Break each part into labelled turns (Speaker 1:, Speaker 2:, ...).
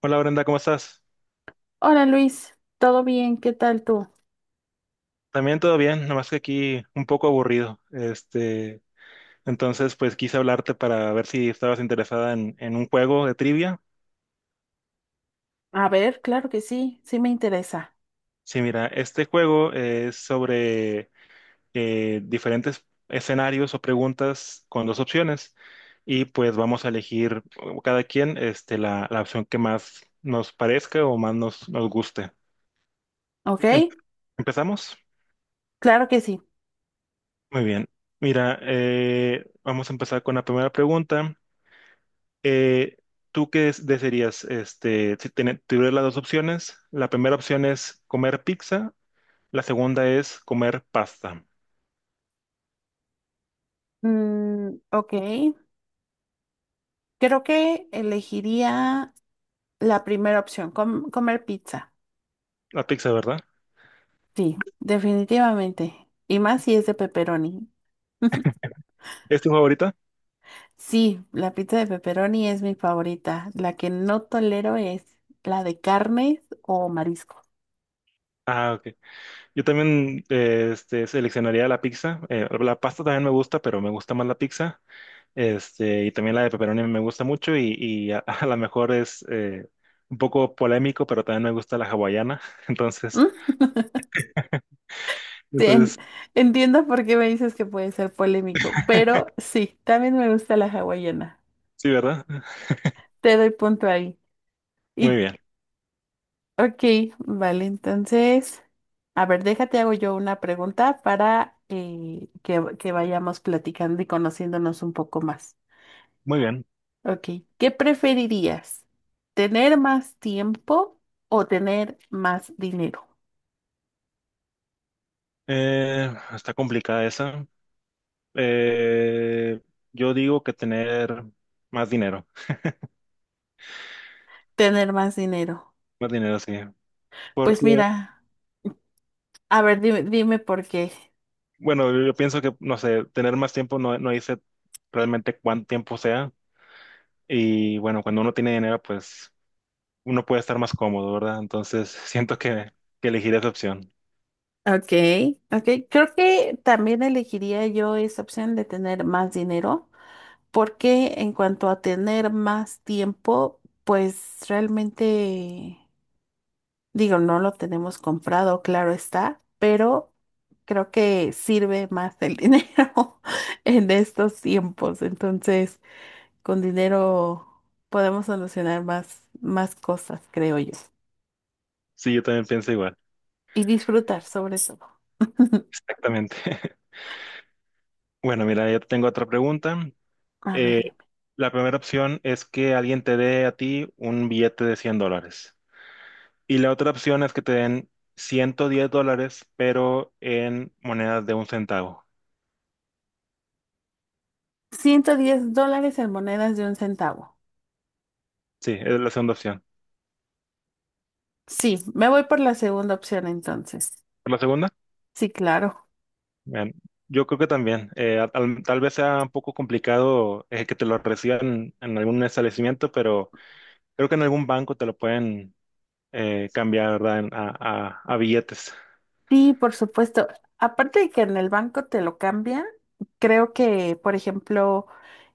Speaker 1: Hola Brenda, ¿cómo estás?
Speaker 2: Hola Luis, ¿todo bien? ¿Qué tal tú?
Speaker 1: También todo bien, nomás que aquí un poco aburrido. Entonces, pues quise hablarte para ver si estabas interesada en un juego de trivia.
Speaker 2: A ver, claro que sí, sí me interesa.
Speaker 1: Sí, mira, este juego es sobre diferentes escenarios o preguntas con dos opciones y pues vamos a elegir cada quien la opción que más nos parezca o más nos guste.
Speaker 2: ¿Ok?
Speaker 1: Em- ¿Empezamos?
Speaker 2: Claro que sí.
Speaker 1: Muy bien. Mira, vamos a empezar con la primera pregunta. Eh, ¿Tú qué desearías? Si tuvieras las dos opciones, la primera opción es comer pizza, la segunda es comer pasta.
Speaker 2: Mm, ok, creo que elegiría la primera opción, comer pizza.
Speaker 1: La pizza, ¿verdad?
Speaker 2: Sí, definitivamente. Y más si es de pepperoni.
Speaker 1: ¿Es tu favorita?
Speaker 2: Sí, la pizza de pepperoni es mi favorita. La que no tolero es la de carnes o marisco.
Speaker 1: Ah, ok. Yo también seleccionaría la pizza. La pasta también me gusta, pero me gusta más la pizza. Y también la de pepperoni me gusta mucho y a lo mejor es un poco polémico, pero también me gusta la hawaiana. Entonces,
Speaker 2: Sí, en-
Speaker 1: entonces,
Speaker 2: Entiendo por qué me dices que puede ser polémico, pero sí, también me gusta la hawaiana.
Speaker 1: sí, ¿verdad?
Speaker 2: Te doy punto ahí.
Speaker 1: Muy
Speaker 2: Y,
Speaker 1: bien,
Speaker 2: ok, vale, entonces, a ver, déjate, hago yo una pregunta para que vayamos platicando y conociéndonos un poco más.
Speaker 1: muy bien.
Speaker 2: Ok, ¿qué preferirías? ¿Tener más tiempo o tener más dinero?
Speaker 1: Está complicada esa. Eh, yo digo que tener más dinero,
Speaker 2: Tener más dinero.
Speaker 1: más dinero, sí.
Speaker 2: Pues
Speaker 1: Porque,
Speaker 2: mira, a ver, dime, dime por qué.
Speaker 1: bueno, yo pienso que, no sé, tener más tiempo no dice realmente cuánto tiempo sea. Y bueno, cuando uno tiene dinero, pues uno puede estar más cómodo, ¿verdad? Entonces, siento que elegiré esa opción.
Speaker 2: Ok, ok. Creo que también elegiría yo esa opción de tener más dinero, porque en cuanto a tener más tiempo, pues realmente, digo, no lo tenemos comprado, claro está, pero creo que sirve más el dinero en estos tiempos. Entonces, con dinero podemos solucionar más, más cosas, creo yo.
Speaker 1: Sí, yo también pienso igual.
Speaker 2: Y disfrutar sobre todo.
Speaker 1: Exactamente. Bueno, mira, yo tengo otra pregunta.
Speaker 2: A ver.
Speaker 1: Eh, la primera opción es que alguien te dé a ti un billete de $100. Y la otra opción es que te den $110, pero en monedas de un centavo.
Speaker 2: $110 en monedas de un centavo.
Speaker 1: Sí, es la segunda opción.
Speaker 2: Sí, me voy por la segunda opción entonces.
Speaker 1: ¿Por la segunda?
Speaker 2: Sí, claro.
Speaker 1: Bien, yo creo que también. Tal vez sea un poco complicado que te lo reciban en algún establecimiento, pero creo que en algún banco te lo pueden cambiar, ¿verdad? A billetes.
Speaker 2: Sí, por supuesto. Aparte de que en el banco te lo cambian, creo que, por ejemplo,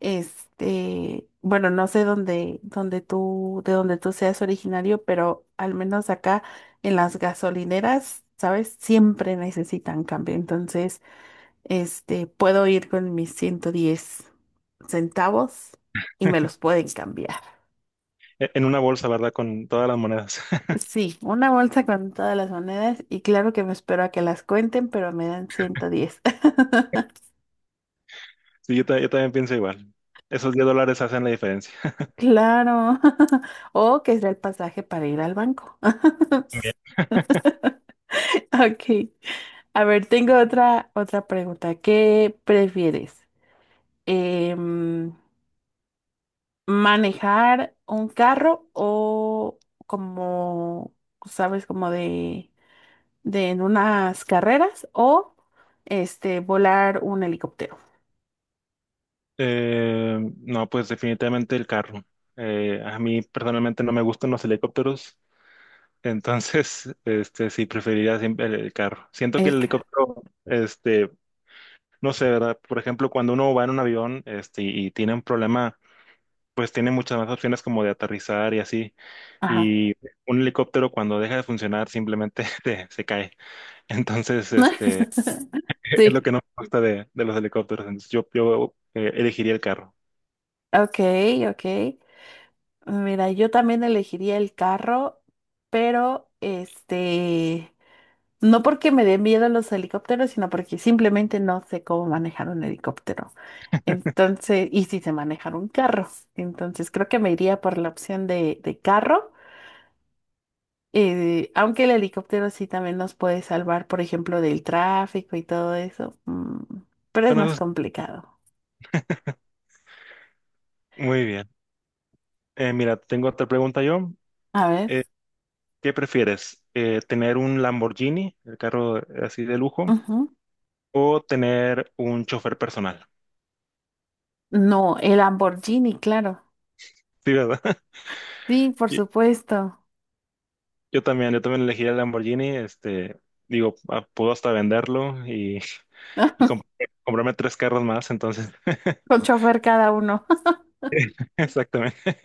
Speaker 2: este, bueno, no sé dónde, dónde tú, de dónde tú seas originario, pero al menos acá en las gasolineras, ¿sabes? Siempre necesitan cambio. Entonces, este, puedo ir con mis 110 centavos y me los pueden cambiar.
Speaker 1: En una bolsa, ¿verdad? Con todas las monedas.
Speaker 2: Sí, una bolsa con todas las monedas y claro que me espero a que las cuenten, pero me dan 110.
Speaker 1: Sí, yo también pienso igual. Esos $10 hacen la diferencia.
Speaker 2: Claro. O que sea el pasaje para ir al banco. Ok. A ver, tengo otra, otra pregunta. ¿Qué prefieres? Em, ¿manejar un carro o como, sabes, como de en unas carreras o este, volar un helicóptero?
Speaker 1: Eh, no, pues definitivamente el carro. A mí personalmente no me gustan los helicópteros, entonces, sí preferiría siempre el carro. Siento que el
Speaker 2: El ca-
Speaker 1: helicóptero, no sé, ¿verdad? Por ejemplo, cuando uno va en un avión, y tiene un problema, pues tiene muchas más opciones como de aterrizar y así.
Speaker 2: Ajá.
Speaker 1: Y un helicóptero cuando deja de funcionar simplemente se cae. Entonces, es lo
Speaker 2: Sí.
Speaker 1: que no me gusta de los helicópteros. Entonces, yo elegiría el carro.
Speaker 2: Ok, ok. Mira, yo también elegiría el carro, pero este, no porque me den miedo los helicópteros, sino porque simplemente no sé cómo manejar un helicóptero. Entonces, y si sé manejar un carro. Entonces, creo que me iría por la opción de carro, aunque el helicóptero sí también nos puede salvar, por ejemplo, del tráfico y todo eso. Pero es
Speaker 1: Bueno,
Speaker 2: más
Speaker 1: eso
Speaker 2: complicado.
Speaker 1: es muy bien. Mira, tengo otra pregunta yo.
Speaker 2: A ver.
Speaker 1: Eh, ¿Qué prefieres? ¿Tener un Lamborghini, el carro así de lujo,
Speaker 2: Ujú.
Speaker 1: o tener un chofer personal?
Speaker 2: No, el Lamborghini, claro.
Speaker 1: Sí, ¿verdad?
Speaker 2: Sí, por
Speaker 1: Yo,
Speaker 2: supuesto.
Speaker 1: yo también, yo también elegí el Lamborghini, digo, ah, puedo hasta venderlo y, y comp- comprarme tres carros más, entonces.
Speaker 2: Con chofer cada uno.
Speaker 1: Exactamente.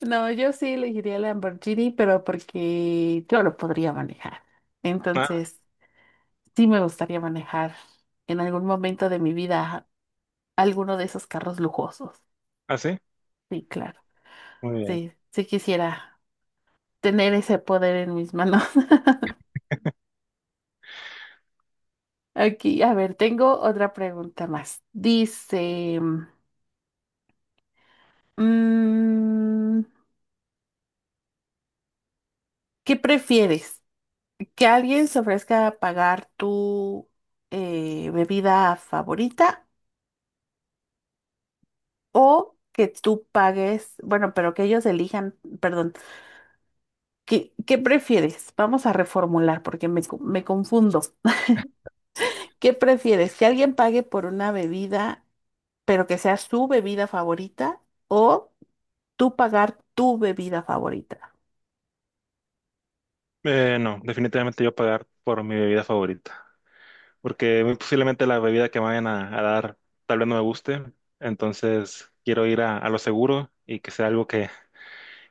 Speaker 2: No, yo sí elegiría la Lamborghini, pero porque yo lo podría manejar.
Speaker 1: Ah,
Speaker 2: Entonces, sí me gustaría manejar en algún momento de mi vida alguno de esos carros lujosos.
Speaker 1: ¿Ah, sí?
Speaker 2: Sí, claro.
Speaker 1: Muy bien.
Speaker 2: Sí, sí quisiera tener ese poder en mis manos. Aquí, a ver, tengo otra pregunta más. Dice, mm, ¿qué prefieres? ¿Que alguien se ofrezca a pagar tu bebida favorita? O que tú pagues, bueno, pero que ellos elijan, perdón, ¿qué, qué prefieres? Vamos a reformular porque me confundo. ¿Qué prefieres? ¿Que alguien pague por una bebida, pero que sea su bebida favorita o tú pagar tu bebida favorita?
Speaker 1: No, definitivamente yo pagar por mi bebida favorita. Porque muy posiblemente la bebida que me vayan a dar tal vez no me guste, entonces quiero ir a lo seguro y que sea algo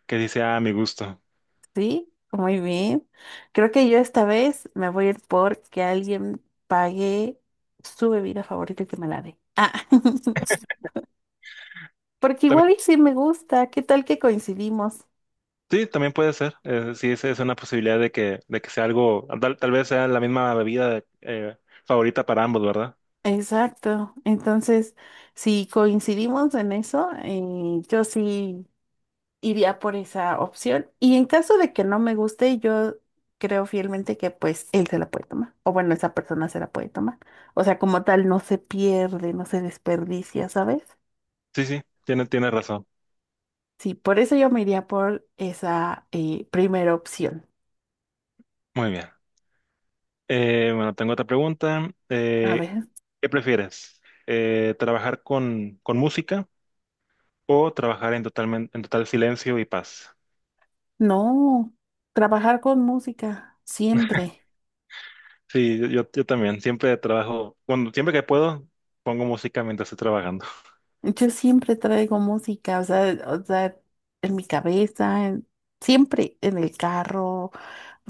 Speaker 1: que sí sea a mi gusto.
Speaker 2: Sí, muy bien. Creo que yo esta vez me voy a ir por que alguien pague su bebida favorita y que me la dé. Ah. Porque
Speaker 1: También,
Speaker 2: igual y sí me gusta, ¿qué tal que coincidimos?
Speaker 1: sí, también puede ser, sí, esa es una posibilidad de que sea algo, tal vez sea la misma bebida favorita para ambos, ¿verdad?
Speaker 2: Exacto. Entonces, si coincidimos en eso, yo sí iría por esa opción. Y en caso de que no me guste, yo creo fielmente que pues él se la puede tomar. O bueno, esa persona se la puede tomar. O sea, como tal, no se pierde, no se desperdicia, ¿sabes?
Speaker 1: Sí, sí, tiene razón.
Speaker 2: Sí, por eso yo me iría por esa primera opción.
Speaker 1: Muy bien. Bueno, tengo otra pregunta.
Speaker 2: A ver,
Speaker 1: ¿Qué prefieres? ¿Trabajar con música o trabajar en en total silencio y paz?
Speaker 2: no, trabajar con música, siempre.
Speaker 1: Sí, yo yo también. Siempre trabajo, cuando siempre que puedo, pongo música mientras estoy trabajando.
Speaker 2: Yo siempre traigo música, o sea, en mi cabeza, siempre en el carro,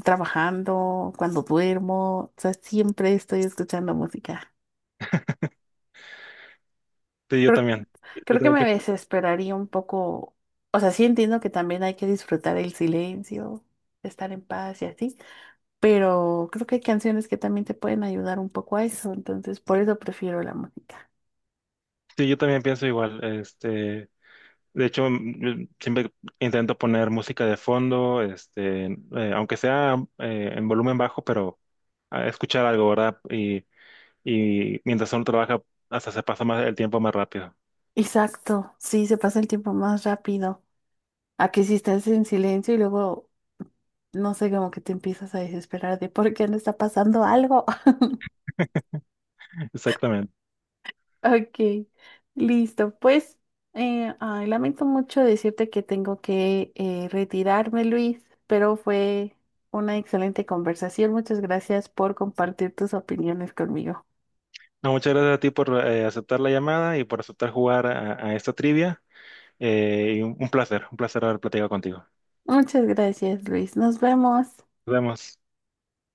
Speaker 2: trabajando, cuando duermo, o sea, siempre estoy escuchando música.
Speaker 1: Sí, yo
Speaker 2: Creo,
Speaker 1: también. Yo
Speaker 2: creo que
Speaker 1: también
Speaker 2: me
Speaker 1: pi-
Speaker 2: desesperaría un poco, o sea, sí entiendo que también hay que disfrutar el silencio, estar en paz y así, pero creo que hay canciones que también te pueden ayudar un poco a eso, entonces por eso prefiero la música.
Speaker 1: sí, yo también pienso igual. De hecho, yo siempre intento poner música de fondo, aunque sea en volumen bajo, pero a escuchar algo, ¿verdad? Y mientras uno trabaja, hasta se pasa más el tiempo más rápido.
Speaker 2: Exacto, sí, se pasa el tiempo más rápido a que si estás en silencio y luego no sé, como que te empiezas a desesperar de por qué no está pasando algo.
Speaker 1: Exactamente.
Speaker 2: Ok, listo. Pues, ay, lamento mucho decirte que tengo que retirarme, Luis, pero fue una excelente conversación. Muchas gracias por compartir tus opiniones conmigo.
Speaker 1: No, muchas gracias a ti por aceptar la llamada y por aceptar jugar a esta trivia. Y un placer, un placer haber platicado contigo.
Speaker 2: Muchas gracias, Luis. Nos vemos.
Speaker 1: Nos vemos.